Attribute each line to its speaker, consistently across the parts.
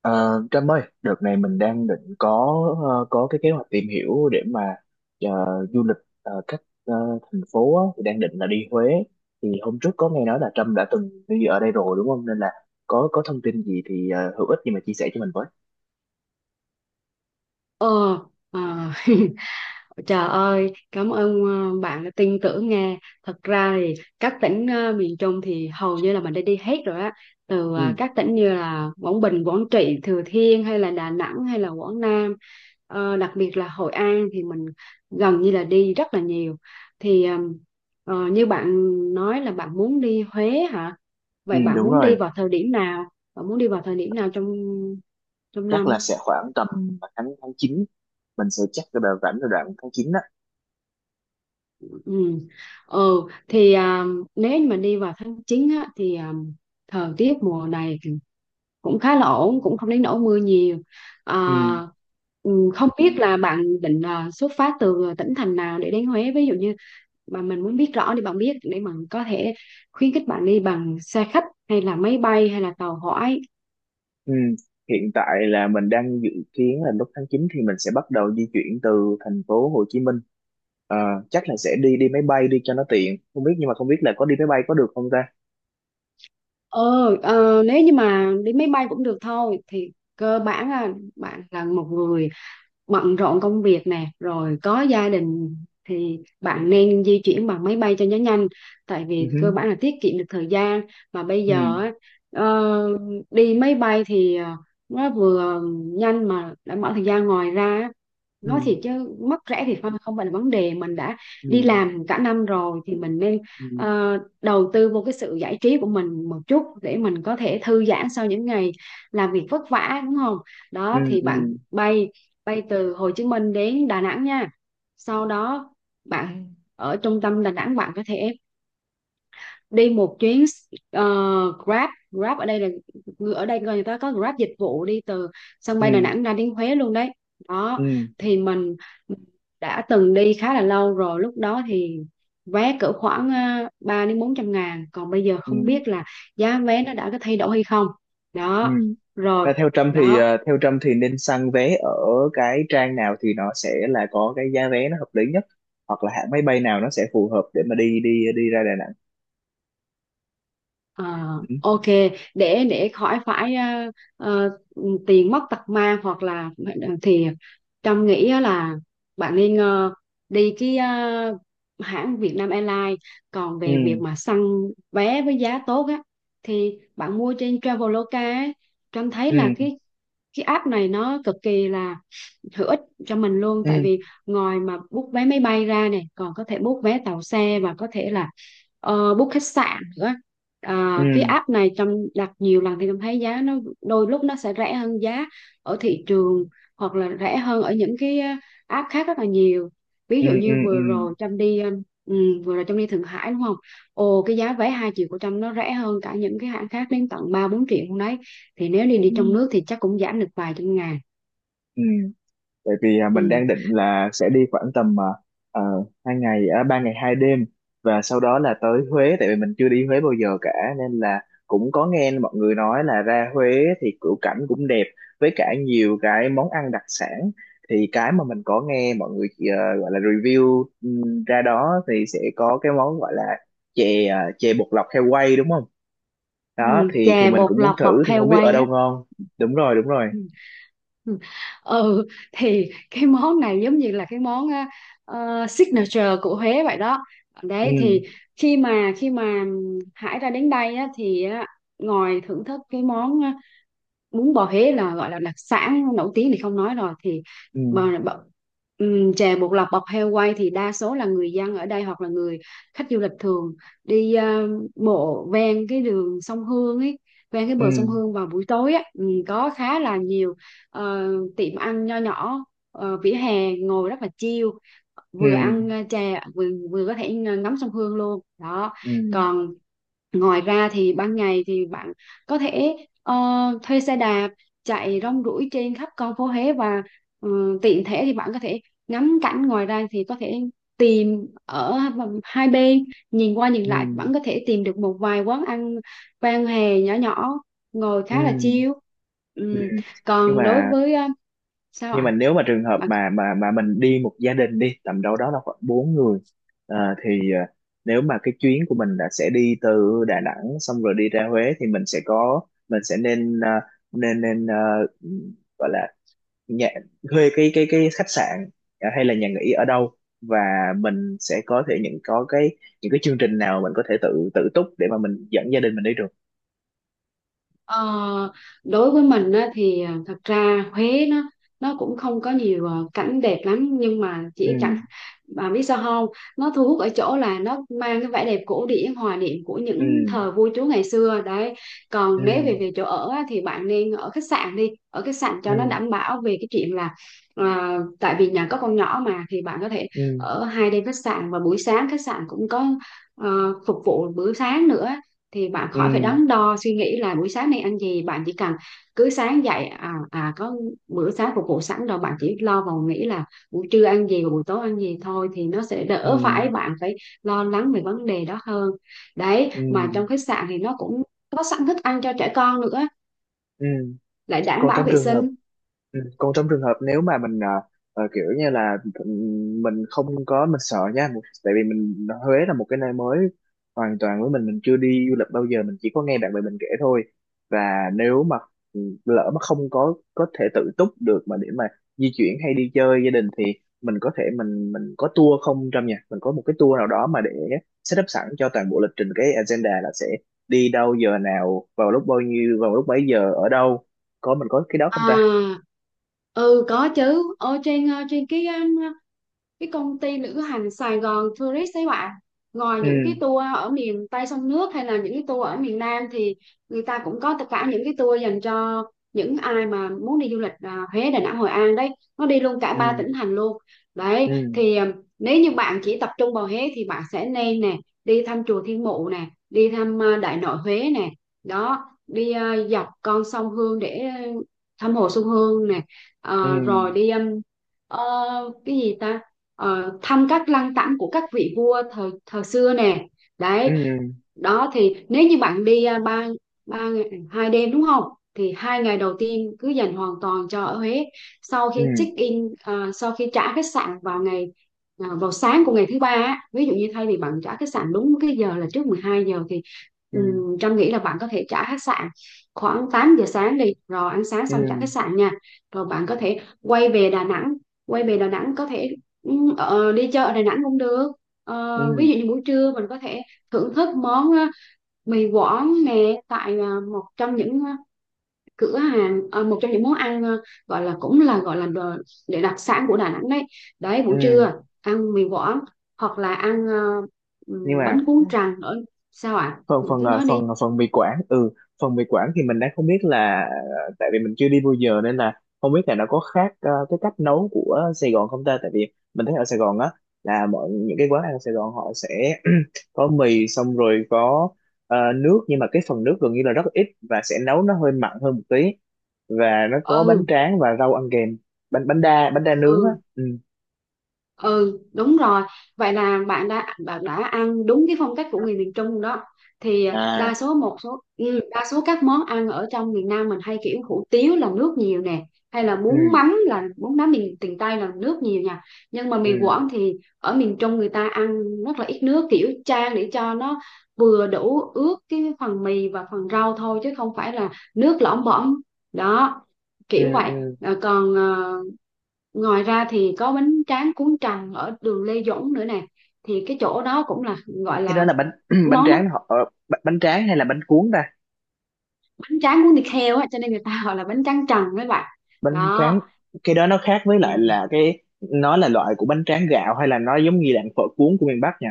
Speaker 1: Ờ, Trâm ơi, đợt này mình đang định có có cái kế hoạch tìm hiểu để mà ờ, du lịch ờ, các ờ, thành phố á, thì đang định là đi Huế. Thì hôm trước có nghe nói là Trâm đã từng đi ở đây rồi đúng không? Nên là có thông tin gì thì hữu ích gì mà chia sẻ cho mình với.
Speaker 2: Ờ, à, Trời ơi, cảm ơn bạn đã tin tưởng nghe. Thật ra thì các tỉnh miền Trung thì hầu như là mình đã đi hết rồi á. Từ
Speaker 1: Ừ,
Speaker 2: các tỉnh như là Quảng Bình, Quảng Trị, Thừa Thiên hay là Đà Nẵng hay là Quảng Nam. Ờ, đặc biệt là Hội An thì mình gần như là đi rất là nhiều. Thì như bạn nói là bạn muốn đi Huế hả?
Speaker 1: ừ
Speaker 2: Vậy bạn
Speaker 1: đúng
Speaker 2: muốn đi
Speaker 1: rồi,
Speaker 2: vào thời điểm nào? Bạn muốn đi vào thời điểm nào trong trong
Speaker 1: chắc là
Speaker 2: năm?
Speaker 1: sẽ khoảng tầm tháng tháng chín, mình sẽ chắc cái đợt rảnh là đoạn tháng 9 đó.
Speaker 2: Ừ. Ừ thì nếu như mà đi vào tháng 9 á, thì thời tiết mùa này thì cũng khá là ổn, cũng không đến nỗi mưa nhiều.
Speaker 1: Ừ.
Speaker 2: à, ừ, Không biết là bạn định xuất phát từ tỉnh thành nào để đến Huế, ví dụ như mà mình muốn biết rõ thì bạn biết để mình có thể khuyến khích bạn đi bằng xe khách hay là máy bay hay là tàu hỏa.
Speaker 1: Ừ. Hiện tại là mình đang dự kiến là lúc tháng 9 thì mình sẽ bắt đầu di chuyển từ thành phố Hồ Chí Minh. Ờ, Chắc là sẽ đi đi máy bay đi cho nó tiện. Không biết là có đi máy bay có được không ta?
Speaker 2: Ờ, Nếu như mà đi máy bay cũng được thôi, thì cơ bản là bạn là một người bận rộn công việc nè rồi có gia đình thì bạn nên di chuyển bằng máy bay cho nó nhanh, tại
Speaker 1: Ừ.
Speaker 2: vì cơ
Speaker 1: Hứ.
Speaker 2: bản là tiết kiệm được thời gian. Mà bây
Speaker 1: Ừ.
Speaker 2: giờ á, ờ, đi máy bay thì nó vừa nhanh mà đảm bảo thời gian. Ngoài ra á,
Speaker 1: Ừ.
Speaker 2: nói thiệt chứ mất rẻ thì không không phải là vấn đề, mình đã
Speaker 1: Ừ.
Speaker 2: đi làm cả năm rồi thì mình nên
Speaker 1: Ừ.
Speaker 2: đầu tư vô cái sự giải trí của mình một chút để mình có thể thư giãn sau những ngày làm việc vất vả, đúng không? Đó
Speaker 1: Ừ.
Speaker 2: thì bạn
Speaker 1: Ừ.
Speaker 2: bay bay từ Hồ Chí Minh đến Đà Nẵng nha. Sau đó bạn ở trung tâm Đà Nẵng, bạn có thể đi một chuyến ờ, Grab. Ở đây là ở đây người ta có Grab dịch vụ đi từ sân
Speaker 1: Ừ.
Speaker 2: bay Đà Nẵng ra đến Huế luôn đấy.
Speaker 1: Ừ.
Speaker 2: Đó thì mình đã từng đi khá là lâu rồi, lúc đó thì vé cỡ khoảng 3 đến 400.000, còn bây giờ không
Speaker 1: Ừ.
Speaker 2: biết là giá vé nó đã có thay đổi hay không.
Speaker 1: Ừ.
Speaker 2: Đó rồi
Speaker 1: Và theo Trâm thì
Speaker 2: đó.
Speaker 1: theo Trâm thì nên săn vé ở cái trang nào thì nó sẽ là có cái giá vé nó hợp lý nhất, hoặc là hãng máy bay nào nó sẽ phù hợp để mà đi đi đi ra Đà Nẵng.
Speaker 2: À,
Speaker 1: Ừ.
Speaker 2: ok, để khỏi phải ờ, tiền mất tật mang hoặc là thì Trâm nghĩ á là bạn nên đi cái hãng Vietnam Airlines. Còn
Speaker 1: Ừ.
Speaker 2: về việc mà săn vé với giá tốt á thì bạn mua trên Traveloka ấy. Trâm thấy
Speaker 1: Ừ.
Speaker 2: là cái app này nó cực kỳ là hữu ích cho mình luôn, tại
Speaker 1: Ừ.
Speaker 2: vì ngoài mà book vé máy bay ra này còn có thể book vé tàu xe và có thể là book khách sạn nữa. À, cái
Speaker 1: ừ
Speaker 2: app này trong đặt nhiều lần thì em thấy giá nó đôi lúc nó sẽ rẻ hơn giá ở thị trường hoặc là rẻ hơn ở những cái app khác rất là nhiều. Ví
Speaker 1: ừ
Speaker 2: dụ
Speaker 1: ừ
Speaker 2: như
Speaker 1: ừ
Speaker 2: vừa rồi Trâm đi ừ, vừa rồi Trâm đi Thượng Hải đúng không, ồ cái giá vé 2.000.000 của Trâm nó rẻ hơn cả những cái hãng khác đến tận 3-4 triệu luôn đấy. Thì nếu đi đi trong
Speaker 1: Ừ.
Speaker 2: nước thì chắc cũng giảm được vài trăm ngàn.
Speaker 1: Ừ, bởi vì mình
Speaker 2: Ừ.
Speaker 1: đang định là sẽ đi khoảng tầm ờ, ba ngày hai đêm và sau đó là tới Huế, tại vì mình chưa đi Huế bao giờ cả, nên là cũng có nghe mọi người nói là ra Huế thì cửu cảnh cũng đẹp, với cả nhiều cái món ăn đặc sản. Thì cái mà mình có nghe mọi người gọi là review ra đó thì sẽ có cái món gọi là chè bột lọc heo quay đúng không? Đó
Speaker 2: Ừ,
Speaker 1: thì
Speaker 2: chè
Speaker 1: mình
Speaker 2: bột
Speaker 1: cũng muốn
Speaker 2: lọc bọc
Speaker 1: thử, thì
Speaker 2: heo
Speaker 1: không biết ở
Speaker 2: quay á.
Speaker 1: đâu ngon. Đúng rồi, đúng rồi.
Speaker 2: Ừ. Ừ. Ừ, thì cái món này giống như là cái món á, signature của Huế vậy đó.
Speaker 1: ừ
Speaker 2: Đấy thì khi mà Hải ra đến đây á, thì á, ngồi thưởng thức cái món bún bò Huế là gọi là đặc sản nổi tiếng thì không nói rồi. Thì
Speaker 1: ừ
Speaker 2: bò bọ- chè bột lọc bọc heo quay thì đa số là người dân ở đây hoặc là người khách du lịch thường đi bộ ven cái đường sông Hương ấy, ven cái
Speaker 1: ừ
Speaker 2: bờ sông Hương vào buổi tối á. Có khá là nhiều ờ, tiệm ăn nho nhỏ vỉa hè, ngồi rất là chill,
Speaker 1: ừ
Speaker 2: vừa ăn chè vừa vừa có thể ngắm sông Hương luôn đó.
Speaker 1: ừ
Speaker 2: Còn ngoài ra thì ban ngày thì bạn có thể ờ, thuê xe đạp chạy rong ruổi trên khắp con phố Huế và ừ, tiện thể thì bạn có thể ngắm cảnh, ngoài ra thì có thể tìm ở hai bên, nhìn qua nhìn
Speaker 1: ừ
Speaker 2: lại vẫn có thể tìm được một vài quán ăn vang hè nhỏ nhỏ ngồi
Speaker 1: ừ
Speaker 2: khá là chill.
Speaker 1: ừ
Speaker 2: Ừm,
Speaker 1: Nhưng
Speaker 2: Còn đối
Speaker 1: mà
Speaker 2: với sao ạ.
Speaker 1: nếu mà trường hợp mà mình đi một gia đình đi tầm đâu đó là khoảng bốn người, ờ, thì nếu mà cái chuyến của mình là sẽ đi từ Đà Nẵng xong rồi đi ra Huế, thì mình sẽ nên nên nên ờ, gọi là nhà thuê cái khách sạn hay là nhà nghỉ ở đâu, và mình sẽ có thể những cái chương trình nào mình có thể tự tự túc để mà mình dẫn gia đình mình đi được.
Speaker 2: Ờ, đối với mình á, thì à, thật ra Huế nó cũng không có nhiều cảnh đẹp lắm, nhưng mà
Speaker 1: Ừ
Speaker 2: chỉ chẳng bà biết sao không, nó thu hút ở chỗ là nó mang cái vẻ đẹp cổ điển hòa niệm của những
Speaker 1: ừ
Speaker 2: thời vua chúa ngày xưa đấy. Còn nếu
Speaker 1: ừ
Speaker 2: về về chỗ ở á, thì bạn nên ở khách sạn đi, ở khách sạn cho nó
Speaker 1: ừ
Speaker 2: đảm bảo về cái chuyện là à, tại vì nhà có con nhỏ mà, thì bạn có thể
Speaker 1: ừ
Speaker 2: ở 2 đêm khách sạn, và buổi sáng khách sạn cũng có à, phục vụ bữa sáng nữa, thì bạn
Speaker 1: ừ
Speaker 2: khỏi phải đắn đo suy nghĩ là buổi sáng nay ăn gì, bạn chỉ cần cứ sáng dậy có bữa sáng phục vụ sẵn rồi, bạn chỉ lo vào nghĩ là buổi trưa ăn gì và buổi tối ăn gì thôi, thì nó sẽ
Speaker 1: ừ
Speaker 2: đỡ phải bạn phải lo lắng về vấn đề đó hơn. Đấy mà
Speaker 1: ừ
Speaker 2: trong khách sạn thì nó cũng có sẵn thức ăn cho trẻ con nữa,
Speaker 1: ừ
Speaker 2: lại đảm
Speaker 1: Còn
Speaker 2: bảo
Speaker 1: trong
Speaker 2: vệ
Speaker 1: trường hợp
Speaker 2: sinh.
Speaker 1: Còn trong trường hợp nếu mà mình kiểu như là mình không có, mình sợ nha một-, tại vì Huế là một cái nơi mới hoàn toàn với mình chưa đi du lịch bao giờ, mình chỉ có nghe bạn bè mình kể thôi. Và nếu mà lỡ mà không có thể tự túc được mà để mà di chuyển hay đi chơi gia đình, thì mình có tour không, trong nhà mình có một cái tour nào đó mà để setup sẵn cho toàn bộ lịch trình, cái agenda là sẽ đi đâu giờ nào, vào lúc bao nhiêu, vào lúc mấy giờ ở đâu, có mình có cái đó không ta?
Speaker 2: À, ừ có chứ, ở trên trên cái công ty lữ hành Sài Gòn Tourist ấy bạn, ngoài
Speaker 1: Ừ.
Speaker 2: những cái tour ở miền Tây sông nước hay là những cái tour ở miền Nam thì người ta cũng có tất cả những cái tour dành cho những ai mà muốn đi du lịch Huế, Đà Nẵng, Hội An đấy, nó đi luôn cả
Speaker 1: ừ
Speaker 2: ba tỉnh thành luôn. Đấy
Speaker 1: ừ
Speaker 2: thì nếu như bạn chỉ tập trung vào Huế thì bạn sẽ nên nè, đi thăm chùa Thiên Mụ nè, đi thăm Đại Nội Huế nè, đó đi dọc con sông Hương để thăm hồ Xuân Hương nè.
Speaker 1: ừ
Speaker 2: Ờ, rồi đi ờ, cái gì ta, thăm các lăng tẩm của các vị vua thời thời xưa nè
Speaker 1: ừ
Speaker 2: đấy. Đó thì nếu như bạn đi à, ba 3 ngày 2 đêm đúng không, thì hai ngày đầu tiên cứ dành hoàn toàn cho ở Huế. Sau khi
Speaker 1: ừ
Speaker 2: check in sau khi trả khách sạn vào ngày vào sáng của ngày thứ ba á, ví dụ như thay vì bạn trả khách sạn đúng cái giờ là trước 12 giờ, thì
Speaker 1: ừ
Speaker 2: Trâm nghĩ là bạn có thể trả khách sạn khoảng 8 giờ sáng đi, rồi ăn sáng
Speaker 1: ừ
Speaker 2: xong trả khách sạn nha. Rồi bạn có thể quay về Đà Nẵng, có thể Ừ, Ờ, đi chợ ở Đà Nẵng cũng được.
Speaker 1: ừ
Speaker 2: Ví dụ như buổi trưa mình có thể thưởng thức món mì Quảng nè, tại một trong những cửa hàng, một trong những món ăn gọi là cũng là gọi là để đặc sản của Đà Nẵng đấy. Đấy,
Speaker 1: ừ
Speaker 2: buổi trưa ăn mì Quảng hoặc là ăn
Speaker 1: Nhưng mà
Speaker 2: bánh cuốn tràng nữa. Sao ạ?
Speaker 1: phần
Speaker 2: À,
Speaker 1: phần
Speaker 2: cứ
Speaker 1: ờ,
Speaker 2: nói đi.
Speaker 1: phần ờ, phần mì quảng. Ừ, phần mì quảng thì mình đang không biết là tại vì mình chưa đi bao giờ nên là không biết là nó có khác cái cách nấu của Sài Gòn không ta. Tại vì mình thấy ở Sài Gòn á, là mọi những cái quán ăn ở Sài Gòn họ sẽ có mì xong rồi có nước, nhưng mà cái phần nước gần như là rất ít và sẽ nấu nó hơi mặn hơn một tí, và nó có bánh
Speaker 2: Ừ.
Speaker 1: tráng và rau ăn kèm. Bánh bánh đa Bánh đa nướng á.
Speaker 2: Ừ.
Speaker 1: Ừ.
Speaker 2: Ừ đúng rồi, vậy là bạn đã ăn đúng cái phong cách của người miền Trung đó. Thì
Speaker 1: À.
Speaker 2: đa số đa số các món ăn ở trong miền Nam mình hay kiểu hủ tiếu là nước nhiều nè, hay
Speaker 1: Ừ.
Speaker 2: là bún mắm miền miền Tây là nước nhiều nha. Nhưng mà miền
Speaker 1: Ừ.
Speaker 2: Quảng thì ở miền Trung người ta ăn rất là ít nước, kiểu chan để cho nó vừa đủ ướt cái phần mì và phần rau thôi chứ không phải là nước lõm bõm. Đó,
Speaker 1: Ừ.
Speaker 2: kiểu vậy.
Speaker 1: Ừ.
Speaker 2: Ờ, còn ờ, ngoài ra thì có bánh tráng cuốn trần ở đường Lê Duẩn nữa nè. Thì cái chỗ đó cũng là gọi
Speaker 1: Cái đó
Speaker 2: là
Speaker 1: là bánh bánh
Speaker 2: món nó
Speaker 1: tráng họ bánh bánh tráng hay là bánh cuốn ta?
Speaker 2: bánh tráng cuốn thịt heo á, cho nên người ta gọi là bánh tráng trần các bạn.
Speaker 1: Bánh
Speaker 2: Đó.
Speaker 1: tráng Cái đó nó khác với
Speaker 2: Ừ.
Speaker 1: lại là nó là loại của bánh tráng gạo, hay là nó giống như dạng phở cuốn của miền Bắc nha.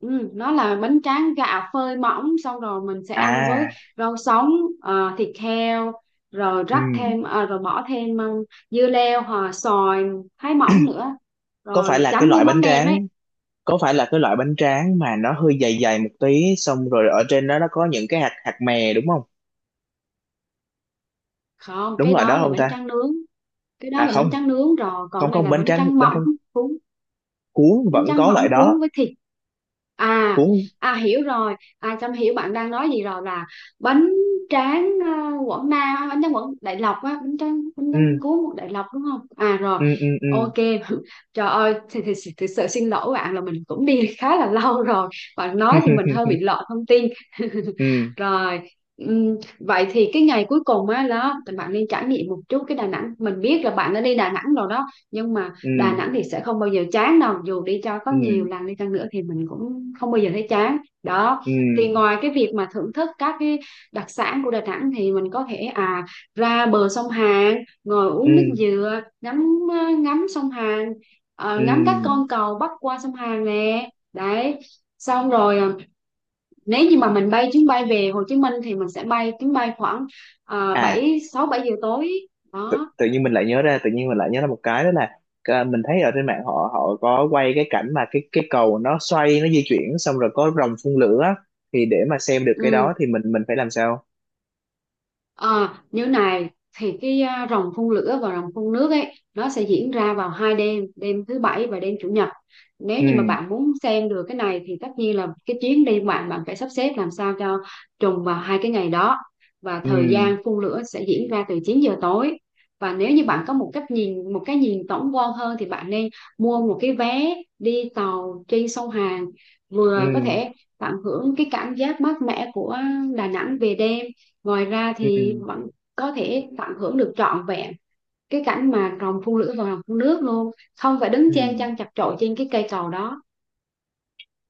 Speaker 2: Ừ, nó là bánh tráng gạo phơi mỏng, xong rồi mình sẽ ăn với
Speaker 1: À.
Speaker 2: rau sống, thịt heo, rồi
Speaker 1: Ừ.
Speaker 2: rắc thêm rồi bỏ thêm dưa leo hoặc xoài thái mỏng nữa,
Speaker 1: Có phải
Speaker 2: rồi
Speaker 1: là cái
Speaker 2: chấm với
Speaker 1: loại bánh
Speaker 2: mắm nêm ấy.
Speaker 1: tráng có phải là cái loại bánh tráng mà nó hơi dày dày một tí, xong rồi ở trên đó nó có những cái hạt hạt mè đúng không?
Speaker 2: Không,
Speaker 1: Đúng
Speaker 2: cái
Speaker 1: loại đó
Speaker 2: đó là
Speaker 1: không
Speaker 2: bánh
Speaker 1: ta?
Speaker 2: tráng nướng, cái đó
Speaker 1: À
Speaker 2: là
Speaker 1: không
Speaker 2: bánh tráng nướng rồi, còn
Speaker 1: không
Speaker 2: cái này
Speaker 1: không,
Speaker 2: là bánh tráng
Speaker 1: bánh
Speaker 2: mỏng
Speaker 1: tráng
Speaker 2: cuốn,
Speaker 1: cuốn
Speaker 2: bánh
Speaker 1: vẫn
Speaker 2: tráng
Speaker 1: có loại
Speaker 2: mỏng
Speaker 1: đó.
Speaker 2: cuốn với thịt. À
Speaker 1: Cuốn.
Speaker 2: à hiểu rồi, à Trâm hiểu bạn đang nói gì rồi, là bánh tráng Quảng Nam á, bánh tráng Quảng Đại Lộc á, bánh tráng
Speaker 1: ừ
Speaker 2: cuốn một Đại Lộc đúng không. À rồi,
Speaker 1: ừ ừ ừ
Speaker 2: ok. Trời ơi, thì thực sự xin lỗi bạn là mình cũng đi khá là lâu rồi, bạn nói thì mình hơi bị lọt thông tin.
Speaker 1: ừ
Speaker 2: Rồi, vậy thì cái ngày cuối cùng á đó thì bạn nên trải nghiệm một chút cái Đà Nẵng, mình biết là bạn đã đi Đà Nẵng rồi đó nhưng mà
Speaker 1: ừ
Speaker 2: Đà Nẵng thì sẽ không bao giờ chán đâu, dù đi cho có nhiều
Speaker 1: ừ
Speaker 2: lần đi chăng nữa thì mình cũng không bao giờ thấy chán. Đó
Speaker 1: ừ
Speaker 2: thì ngoài cái việc mà thưởng thức các cái đặc sản của Đà Nẵng thì mình có thể à ra bờ sông Hàn, ngồi
Speaker 1: ừ
Speaker 2: uống nước dừa, ngắm ngắm sông Hàn,
Speaker 1: ừ
Speaker 2: ngắm các con cầu bắc qua sông Hàn nè đấy. Xong rồi nếu như mà mình bay chuyến bay về Hồ Chí Minh thì mình sẽ bay chuyến bay khoảng
Speaker 1: À,
Speaker 2: 7 6 7 giờ tối
Speaker 1: tự,
Speaker 2: đó.
Speaker 1: tự nhiên mình lại nhớ ra, một cái đó là mình thấy ở trên mạng họ họ có quay cái cảnh mà cái cầu nó xoay, nó di chuyển, xong rồi có rồng phun lửa á. Thì để mà xem được cái
Speaker 2: Ừ.
Speaker 1: đó thì mình phải làm sao?
Speaker 2: À, như này thì cái à, ròng phun lửa và ròng phun nước ấy, nó sẽ diễn ra vào hai đêm, đêm thứ bảy và đêm chủ nhật. Nếu
Speaker 1: ừ
Speaker 2: như mà bạn muốn xem được cái này thì tất nhiên là cái chuyến đi của bạn, bạn phải sắp xếp làm sao cho trùng vào hai cái ngày đó. Và
Speaker 1: ừ
Speaker 2: thời gian phun lửa sẽ diễn ra từ 9 giờ tối. Và nếu như bạn có một cái nhìn tổng quan hơn thì bạn nên mua một cái vé đi tàu trên sông Hàn,
Speaker 1: ừ
Speaker 2: vừa có thể tận hưởng cái cảm giác mát mẻ của Đà Nẵng về đêm. Ngoài ra
Speaker 1: ừ
Speaker 2: thì bạn có thể tận hưởng được trọn vẹn cái cảnh mà rồng phun lửa và rồng phun nước luôn, không phải đứng
Speaker 1: ừ
Speaker 2: chen chân chật chội trên cái cây cầu đó.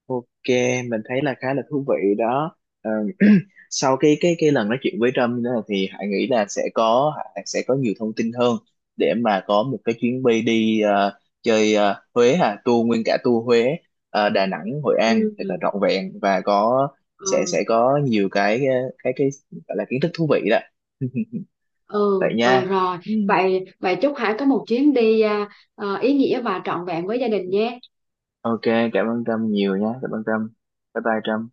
Speaker 1: Ok, mình thấy là khá là thú vị đó. Ờ, Sau cái lần nói chuyện với Trump nữa, thì Hải sẽ có nhiều thông tin hơn để mà có một cái chuyến bay đi chơi ờ, Huế hà tour nguyên cả tour Huế, Đà Nẵng, Hội An thật là
Speaker 2: Ừ,
Speaker 1: trọn vẹn, và có
Speaker 2: ừ,
Speaker 1: sẽ có nhiều cái cái cái gọi là kiến thức thú vị đó.
Speaker 2: ừ,
Speaker 1: Vậy
Speaker 2: ừ
Speaker 1: nha.
Speaker 2: rồi.
Speaker 1: Ừ.
Speaker 2: Vậy Vậy chúc Hải có một chuyến đi ý nghĩa và trọn vẹn với gia đình nhé.
Speaker 1: Ok, cảm ơn Trâm nhiều nha, cảm ơn Trâm, bye bye Trâm.